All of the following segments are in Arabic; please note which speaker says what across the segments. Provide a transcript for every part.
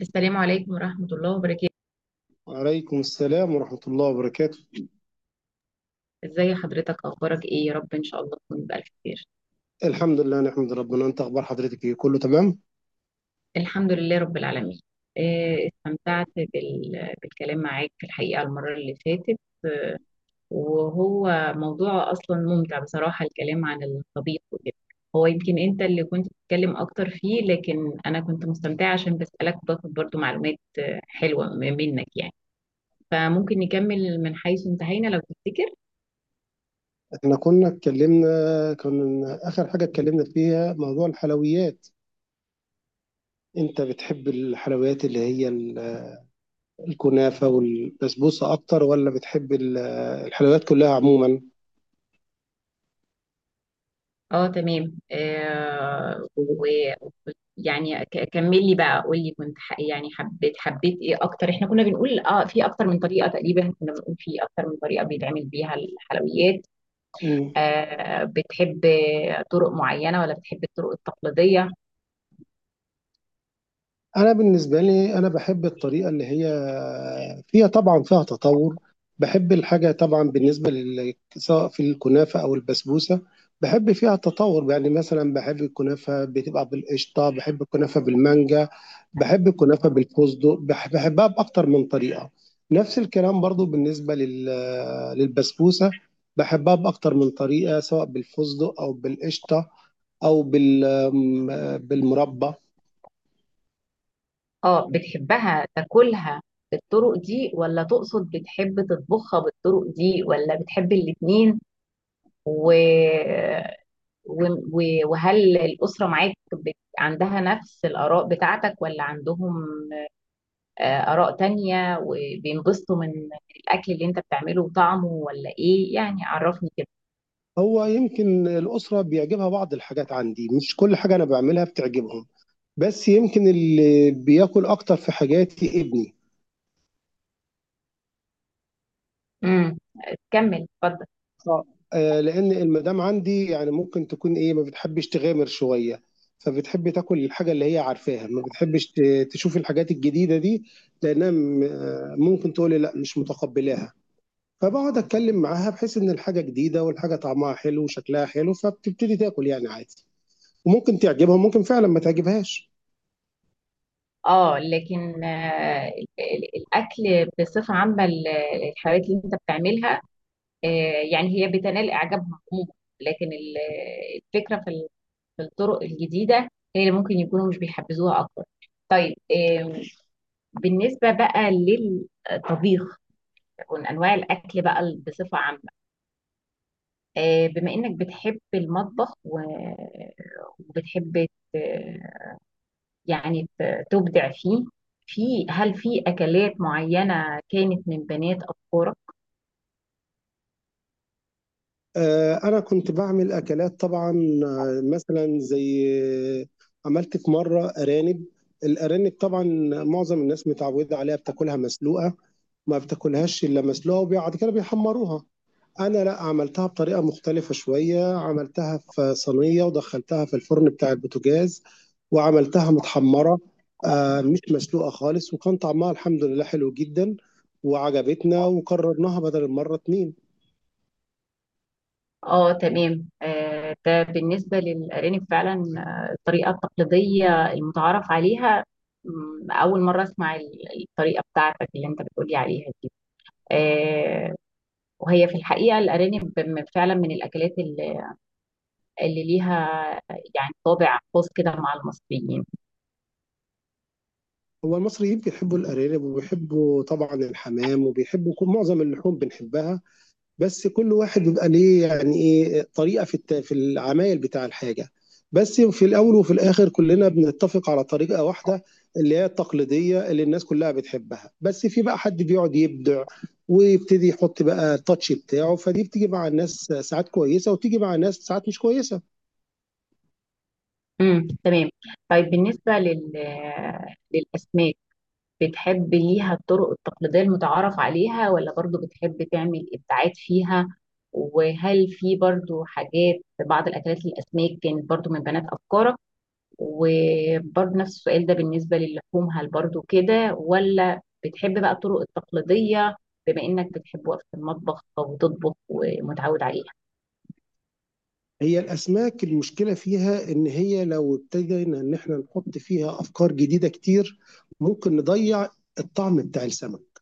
Speaker 1: السلام عليكم ورحمة الله وبركاته.
Speaker 2: وعليكم السلام ورحمة الله وبركاته.
Speaker 1: ازي حضرتك، اخبارك ايه؟ يا رب ان شاء الله تكون بألف خير.
Speaker 2: الحمد لله نحمد ربنا. انت اخبار حضرتك ايه؟ كله تمام؟
Speaker 1: الحمد لله رب العالمين. استمتعت بالكلام معاك في الحقيقة المرة اللي فاتت، وهو موضوع اصلا ممتع بصراحة، الكلام عن الطبيخ وكده. هو يمكن انت اللي كنت بتتكلم اكتر فيه، لكن انا كنت مستمتعة عشان بسألك باخد برضو معلومات حلوة منك يعني. فممكن نكمل من حيث انتهينا لو تفتكر.
Speaker 2: احنا كنا اتكلمنا كنا اخر حاجة اتكلمنا فيها موضوع الحلويات. انت بتحب الحلويات اللي هي الكنافة والبسبوسة اكتر، ولا بتحب الحلويات كلها عموما؟
Speaker 1: اه تمام آه. ويعني كمل لي بقى، قول لي كنت ح... يعني حبيت ايه اكتر؟ احنا كنا بنقول اه في اكتر من طريقة، تقريبا كنا بنقول في اكتر من طريقة بيتعمل بيها الحلويات.
Speaker 2: مم.
Speaker 1: آه بتحب طرق معينة ولا بتحب الطرق التقليدية؟
Speaker 2: انا بالنسبه لي، انا بحب الطريقه اللي هي فيها طبعا فيها تطور. بحب الحاجه طبعا بالنسبه سواء في الكنافه او البسبوسه. بحب فيها تطور، يعني مثلا بحب الكنافه بتبقى بالقشطه، بحب الكنافه بالمانجا، بحب الكنافه بالفستق، بحبها باكتر من طريقه. نفس الكلام برضو بالنسبه للبسبوسه. بحبها باكتر من طريقه، سواء بالفستق او بالقشطه او بالمربى.
Speaker 1: اه بتحبها تاكلها بالطرق دي، ولا تقصد بتحب تطبخها بالطرق دي، ولا بتحب الاتنين؟ و وهل الأسرة معاك عندها نفس الآراء بتاعتك، ولا عندهم آراء تانية، وبينبسطوا من الأكل اللي أنت بتعمله وطعمه، ولا إيه؟ يعني عرفني كده.
Speaker 2: هو يمكن الأسرة بيعجبها بعض الحاجات عندي، مش كل حاجة أنا بعملها بتعجبهم، بس يمكن اللي بياكل أكتر في حاجاتي ابني.
Speaker 1: امم، كمل اتفضل.
Speaker 2: اه. لأن المدام عندي يعني ممكن تكون إيه، ما بتحبش تغامر شوية. فبتحب تاكل الحاجة اللي هي عارفاها، ما بتحبش تشوف الحاجات الجديدة دي، لأنها ممكن تقول لي لا مش متقبلاها. فبقعد أتكلم معاها بحيث إن الحاجة جديدة، والحاجة طعمها حلو وشكلها حلو، فبتبتدي تاكل يعني عادي. وممكن تعجبها وممكن فعلا ما تعجبهاش.
Speaker 1: اه لكن الأكل بصفة عامة، الحلويات اللي أنت بتعملها، آه، يعني هي بتنال إعجابهم عموما، لكن الفكرة في في الطرق الجديدة هي اللي ممكن يكونوا مش بيحبذوها أكتر. طيب بالنسبة بقى للطبيخ ومن أنواع الأكل بقى بصفة عامة، بما إنك بتحب المطبخ و- وبتحب ت- يعني تبدع فيه، في هل في أكلات معينة كانت من بنات أفكارك؟
Speaker 2: أنا كنت بعمل أكلات طبعا. مثلا زي آه، عملت في مرة أرانب. الأرانب طبعا معظم الناس متعودة عليها بتاكلها مسلوقة، ما بتاكلهاش إلا مسلوقة وبعد كده بيحمروها. أنا لا، عملتها بطريقة مختلفة شوية، عملتها في صينية ودخلتها في الفرن بتاع البوتاجاز وعملتها متحمرة، مش مسلوقة خالص، وكان طعمها الحمد لله حلو جدا، وعجبتنا وكررناها بدل المرة اتنين.
Speaker 1: اه تمام. ده بالنسبة للأرانب فعلا الطريقة التقليدية المتعارف عليها. مم، أول مرة أسمع الطريقة بتاعتك اللي أنت بتقولي عليها دي. آه، وهي في الحقيقة الأرانب فعلا من الأكلات اللي ليها يعني طابع خاص كده مع المصريين.
Speaker 2: هو المصري يمكن يحبوا الارانب، وبيحبوا طبعا الحمام، وبيحبوا كل معظم اللحوم بنحبها، بس كل واحد بيبقى ليه يعني ايه طريقه في العمايل بتاع الحاجه. بس في الاول وفي الاخر كلنا بنتفق على طريقه واحده، اللي هي التقليديه اللي الناس كلها بتحبها، بس في بقى حد بيقعد يبدع ويبتدي يحط بقى التاتش بتاعه، فدي بتيجي مع الناس ساعات كويسه، وتيجي مع الناس ساعات مش كويسه.
Speaker 1: تمام. طيب بالنسبة للأسماك، بتحب ليها الطرق التقليدية المتعارف عليها، ولا برضو بتحب تعمل إبداعات فيها؟ وهل في برضو حاجات، بعض الأكلات الأسماك، كانت برضو من بنات أفكارك؟ وبرضه نفس السؤال ده بالنسبة للحوم، هل برضه كده ولا بتحب بقى الطرق التقليدية، بما انك بتحب وقفة المطبخ وتطبخ ومتعود عليها؟
Speaker 2: هي الأسماك المشكلة فيها إن هي لو ابتدينا إن إحنا نحط فيها أفكار جديدة كتير، ممكن نضيع الطعم بتاع السمك.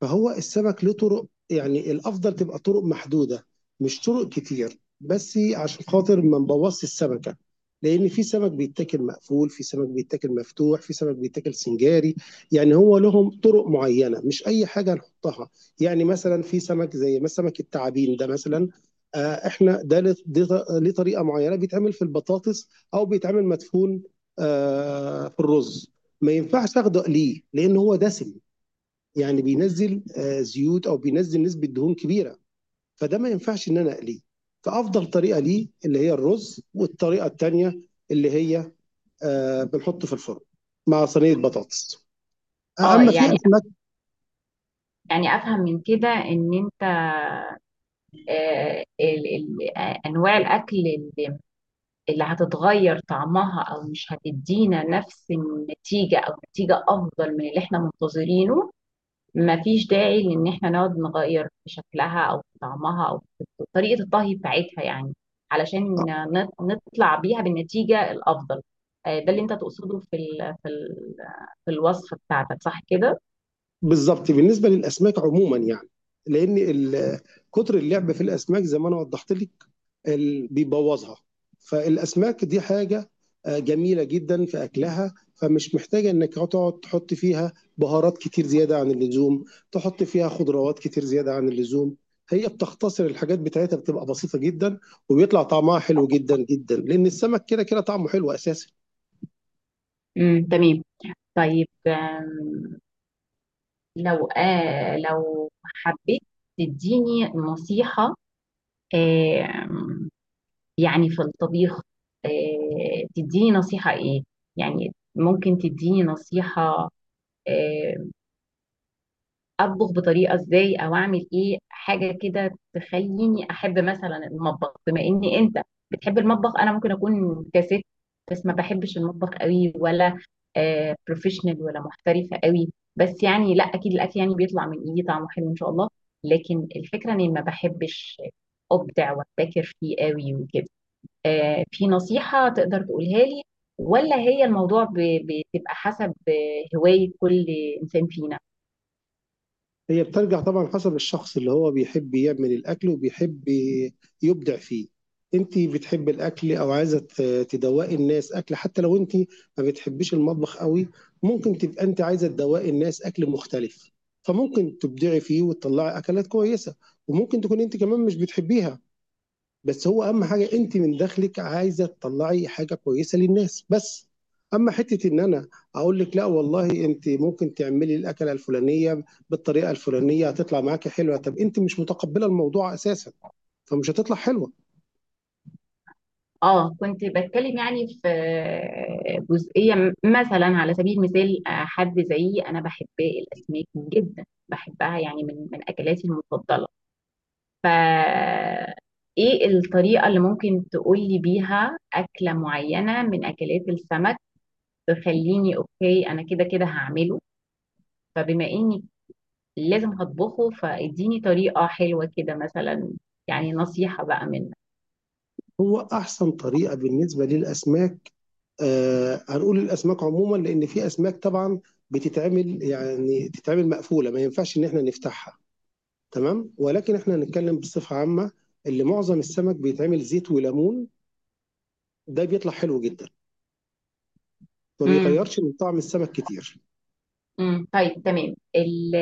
Speaker 2: فهو السمك له طرق، يعني الافضل تبقى طرق محدوده، مش طرق كتير، بس عشان خاطر ما نبوظش السمكه. لان في سمك بيتاكل مقفول، في سمك بيتاكل مفتوح، في سمك بيتاكل سنجاري، يعني هو لهم طرق معينه، مش اي حاجه نحطها. يعني مثلا في سمك زي ما سمك التعابين ده مثلا، احنا ده، ليه طريقه معينه، بيتعمل في البطاطس او بيتعمل مدفون في الرز. ما ينفعش اخده ليه لان هو دسم، يعني بينزل زيوت، او بينزل نسبه دهون كبيره، فده ما ينفعش ان انا اقليه. فافضل طريقه ليه اللي هي الرز، والطريقه الثانيه اللي هي بنحطه في الفرن مع صينيه بطاطس.
Speaker 1: اه
Speaker 2: اما في
Speaker 1: يعني،
Speaker 2: اسماك،
Speaker 1: يعني افهم من كده ان انت انواع الاكل اللي هتتغير طعمها، او مش هتدينا نفس النتيجة او نتيجة افضل من اللي احنا منتظرينه، مفيش داعي لان احنا نقعد نغير في شكلها او في طعمها او في طريقة الطهي بتاعتها، يعني علشان
Speaker 2: آه،
Speaker 1: نطلع بيها بالنتيجة الافضل. ده اللي انت تقصده في ال في ال في الوصفة بتاعتك، صح كده؟
Speaker 2: بالظبط بالنسبه للاسماك عموما يعني، لان كتر اللعب في الاسماك زي ما انا وضحت لك، بيبوظها. فالاسماك دي حاجه جميله جدا في اكلها، فمش محتاجه انك تقعد تحط فيها بهارات كتير زياده عن اللزوم، تحط فيها خضروات كتير زياده عن اللزوم. هي بتختصر الحاجات بتاعتها، بتبقى بسيطه جدا، وبيطلع طعمها حلو جدا جدا، لان السمك كده كده طعمه حلو اساسا.
Speaker 1: تمام. طيب آم، لو آه لو حبيت تديني نصيحة، آم، يعني في الطبيخ، تديني نصيحة ايه؟ يعني ممكن تديني نصيحة آه، اطبخ بطريقه ازاي، او اعمل ايه حاجه كده تخليني احب مثلا المطبخ، بما ان انت بتحب المطبخ. انا ممكن اكون كست، بس ما بحبش المطبخ قوي ولا آه بروفيشنال ولا محترفه قوي. بس يعني لا، اكيد الاكل يعني بيطلع من ايدي طعمه حلو ان شاء الله، لكن الفكره اني ما بحبش ابدع وابتكر فيه قوي وكده. في نصيحه تقدر تقولها لي، ولا هي الموضوع بتبقى حسب هوايه كل انسان فينا؟
Speaker 2: هي بترجع طبعا حسب الشخص اللي هو بيحب يعمل الأكل وبيحب يبدع فيه. انت بتحب الأكل، أو عايزة تدوقي الناس أكل، حتى لو انت ما بتحبيش المطبخ قوي، ممكن تبقى انت عايزة تدوقي الناس أكل مختلف، فممكن تبدعي فيه وتطلعي أكلات كويسة، وممكن تكون انت كمان مش بتحبيها، بس هو اهم حاجه انت من داخلك عايزه تطلعي حاجه كويسه للناس بس. اما حته ان انا اقول لك لا والله انت ممكن تعملي الاكله الفلانيه بالطريقه الفلانيه هتطلع معاكي حلوه، طب انت مش متقبله الموضوع اساسا، فمش هتطلع حلوه.
Speaker 1: اه كنت بتكلم يعني في جزئية مثلا، على سبيل المثال حد زيي انا بحب الاسماك جدا، بحبها يعني من اكلاتي المفضلة، ف ايه الطريقة اللي ممكن تقولي بيها اكلة معينة من اكلات السمك تخليني اوكي انا كده كده هعمله؟ فبما اني لازم هطبخه، فاديني طريقة حلوة كده مثلا، يعني نصيحة بقى منك.
Speaker 2: هو احسن طريقه بالنسبه للاسماك، هنقول الاسماك عموما، لان في اسماك طبعا بتتعمل يعني تتعمل مقفوله، ما ينفعش ان احنا نفتحها، تمام، ولكن احنا هنتكلم بصفه عامه. اللي معظم السمك بيتعمل زيت وليمون، ده بيطلع حلو جدا، ما
Speaker 1: امم
Speaker 2: بيغيرش من طعم السمك كتير.
Speaker 1: امم طيب تمام.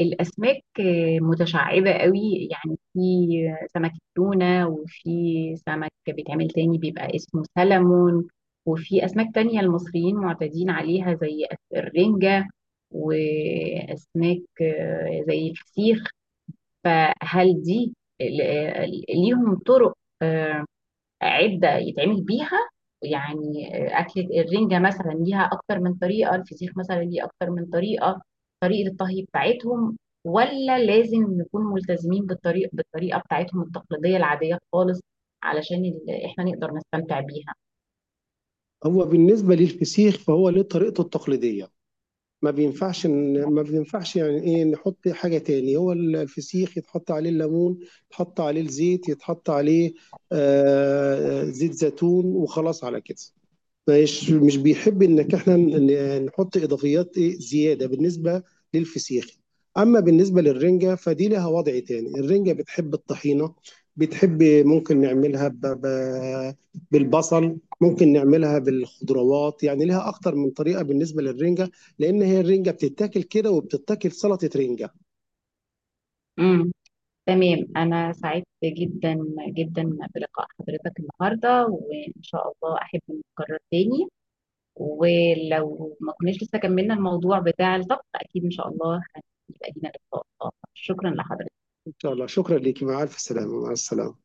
Speaker 1: الأسماك متشعبة قوي، يعني في سمك التونة، وفي سمك بيتعمل تاني بيبقى اسمه سلمون، وفي أسماك تانية المصريين معتادين عليها زي الرنجة، وأسماك زي الفسيخ، فهل دي ليهم طرق عدة يتعمل بيها؟ يعني أكلة الرنجة مثلا ليها أكتر من طريقة، الفسيخ مثلا ليه أكتر من طريقة، طريقة الطهي بتاعتهم، ولا لازم نكون ملتزمين بالطريقة بتاعتهم التقليدية العادية خالص علشان إحنا نقدر نستمتع بيها؟
Speaker 2: هو بالنسبة للفسيخ فهو ليه طريقته التقليدية، ما بينفعش إن- ما بينفعش يعني ايه نحط حاجة تاني. هو الفسيخ يتحط عليه الليمون، يتحط عليه الزيت، يتحط عليه زيت زيتون، وخلاص على كده، مش مش بيحب انك احنا نحط اضافيات ايه زياده بالنسبه للفسيخ. اما بالنسبه للرنجه فدي لها وضع تاني، الرنجه بتحب الطحينه، بتحب ممكن نعملها بالبصل، ممكن نعملها بالخضروات، يعني لها اكتر من طريقه بالنسبه للرنجه، لان هي الرنجه بتتاكل كده وبتتاكل سلطه رنجه.
Speaker 1: امم تمام. انا سعدت جدا جدا بلقاء حضرتك النهارده، وان شاء الله احب نتكرر تاني، ولو ما كناش لسه كملنا الموضوع بتاع الطبخ اكيد ان شاء الله هيبقى لينا لقاء اخر. شكرا لحضرتك.
Speaker 2: ان شاء الله، شكرا ليكي، مع الف سلامه، مع السلامه.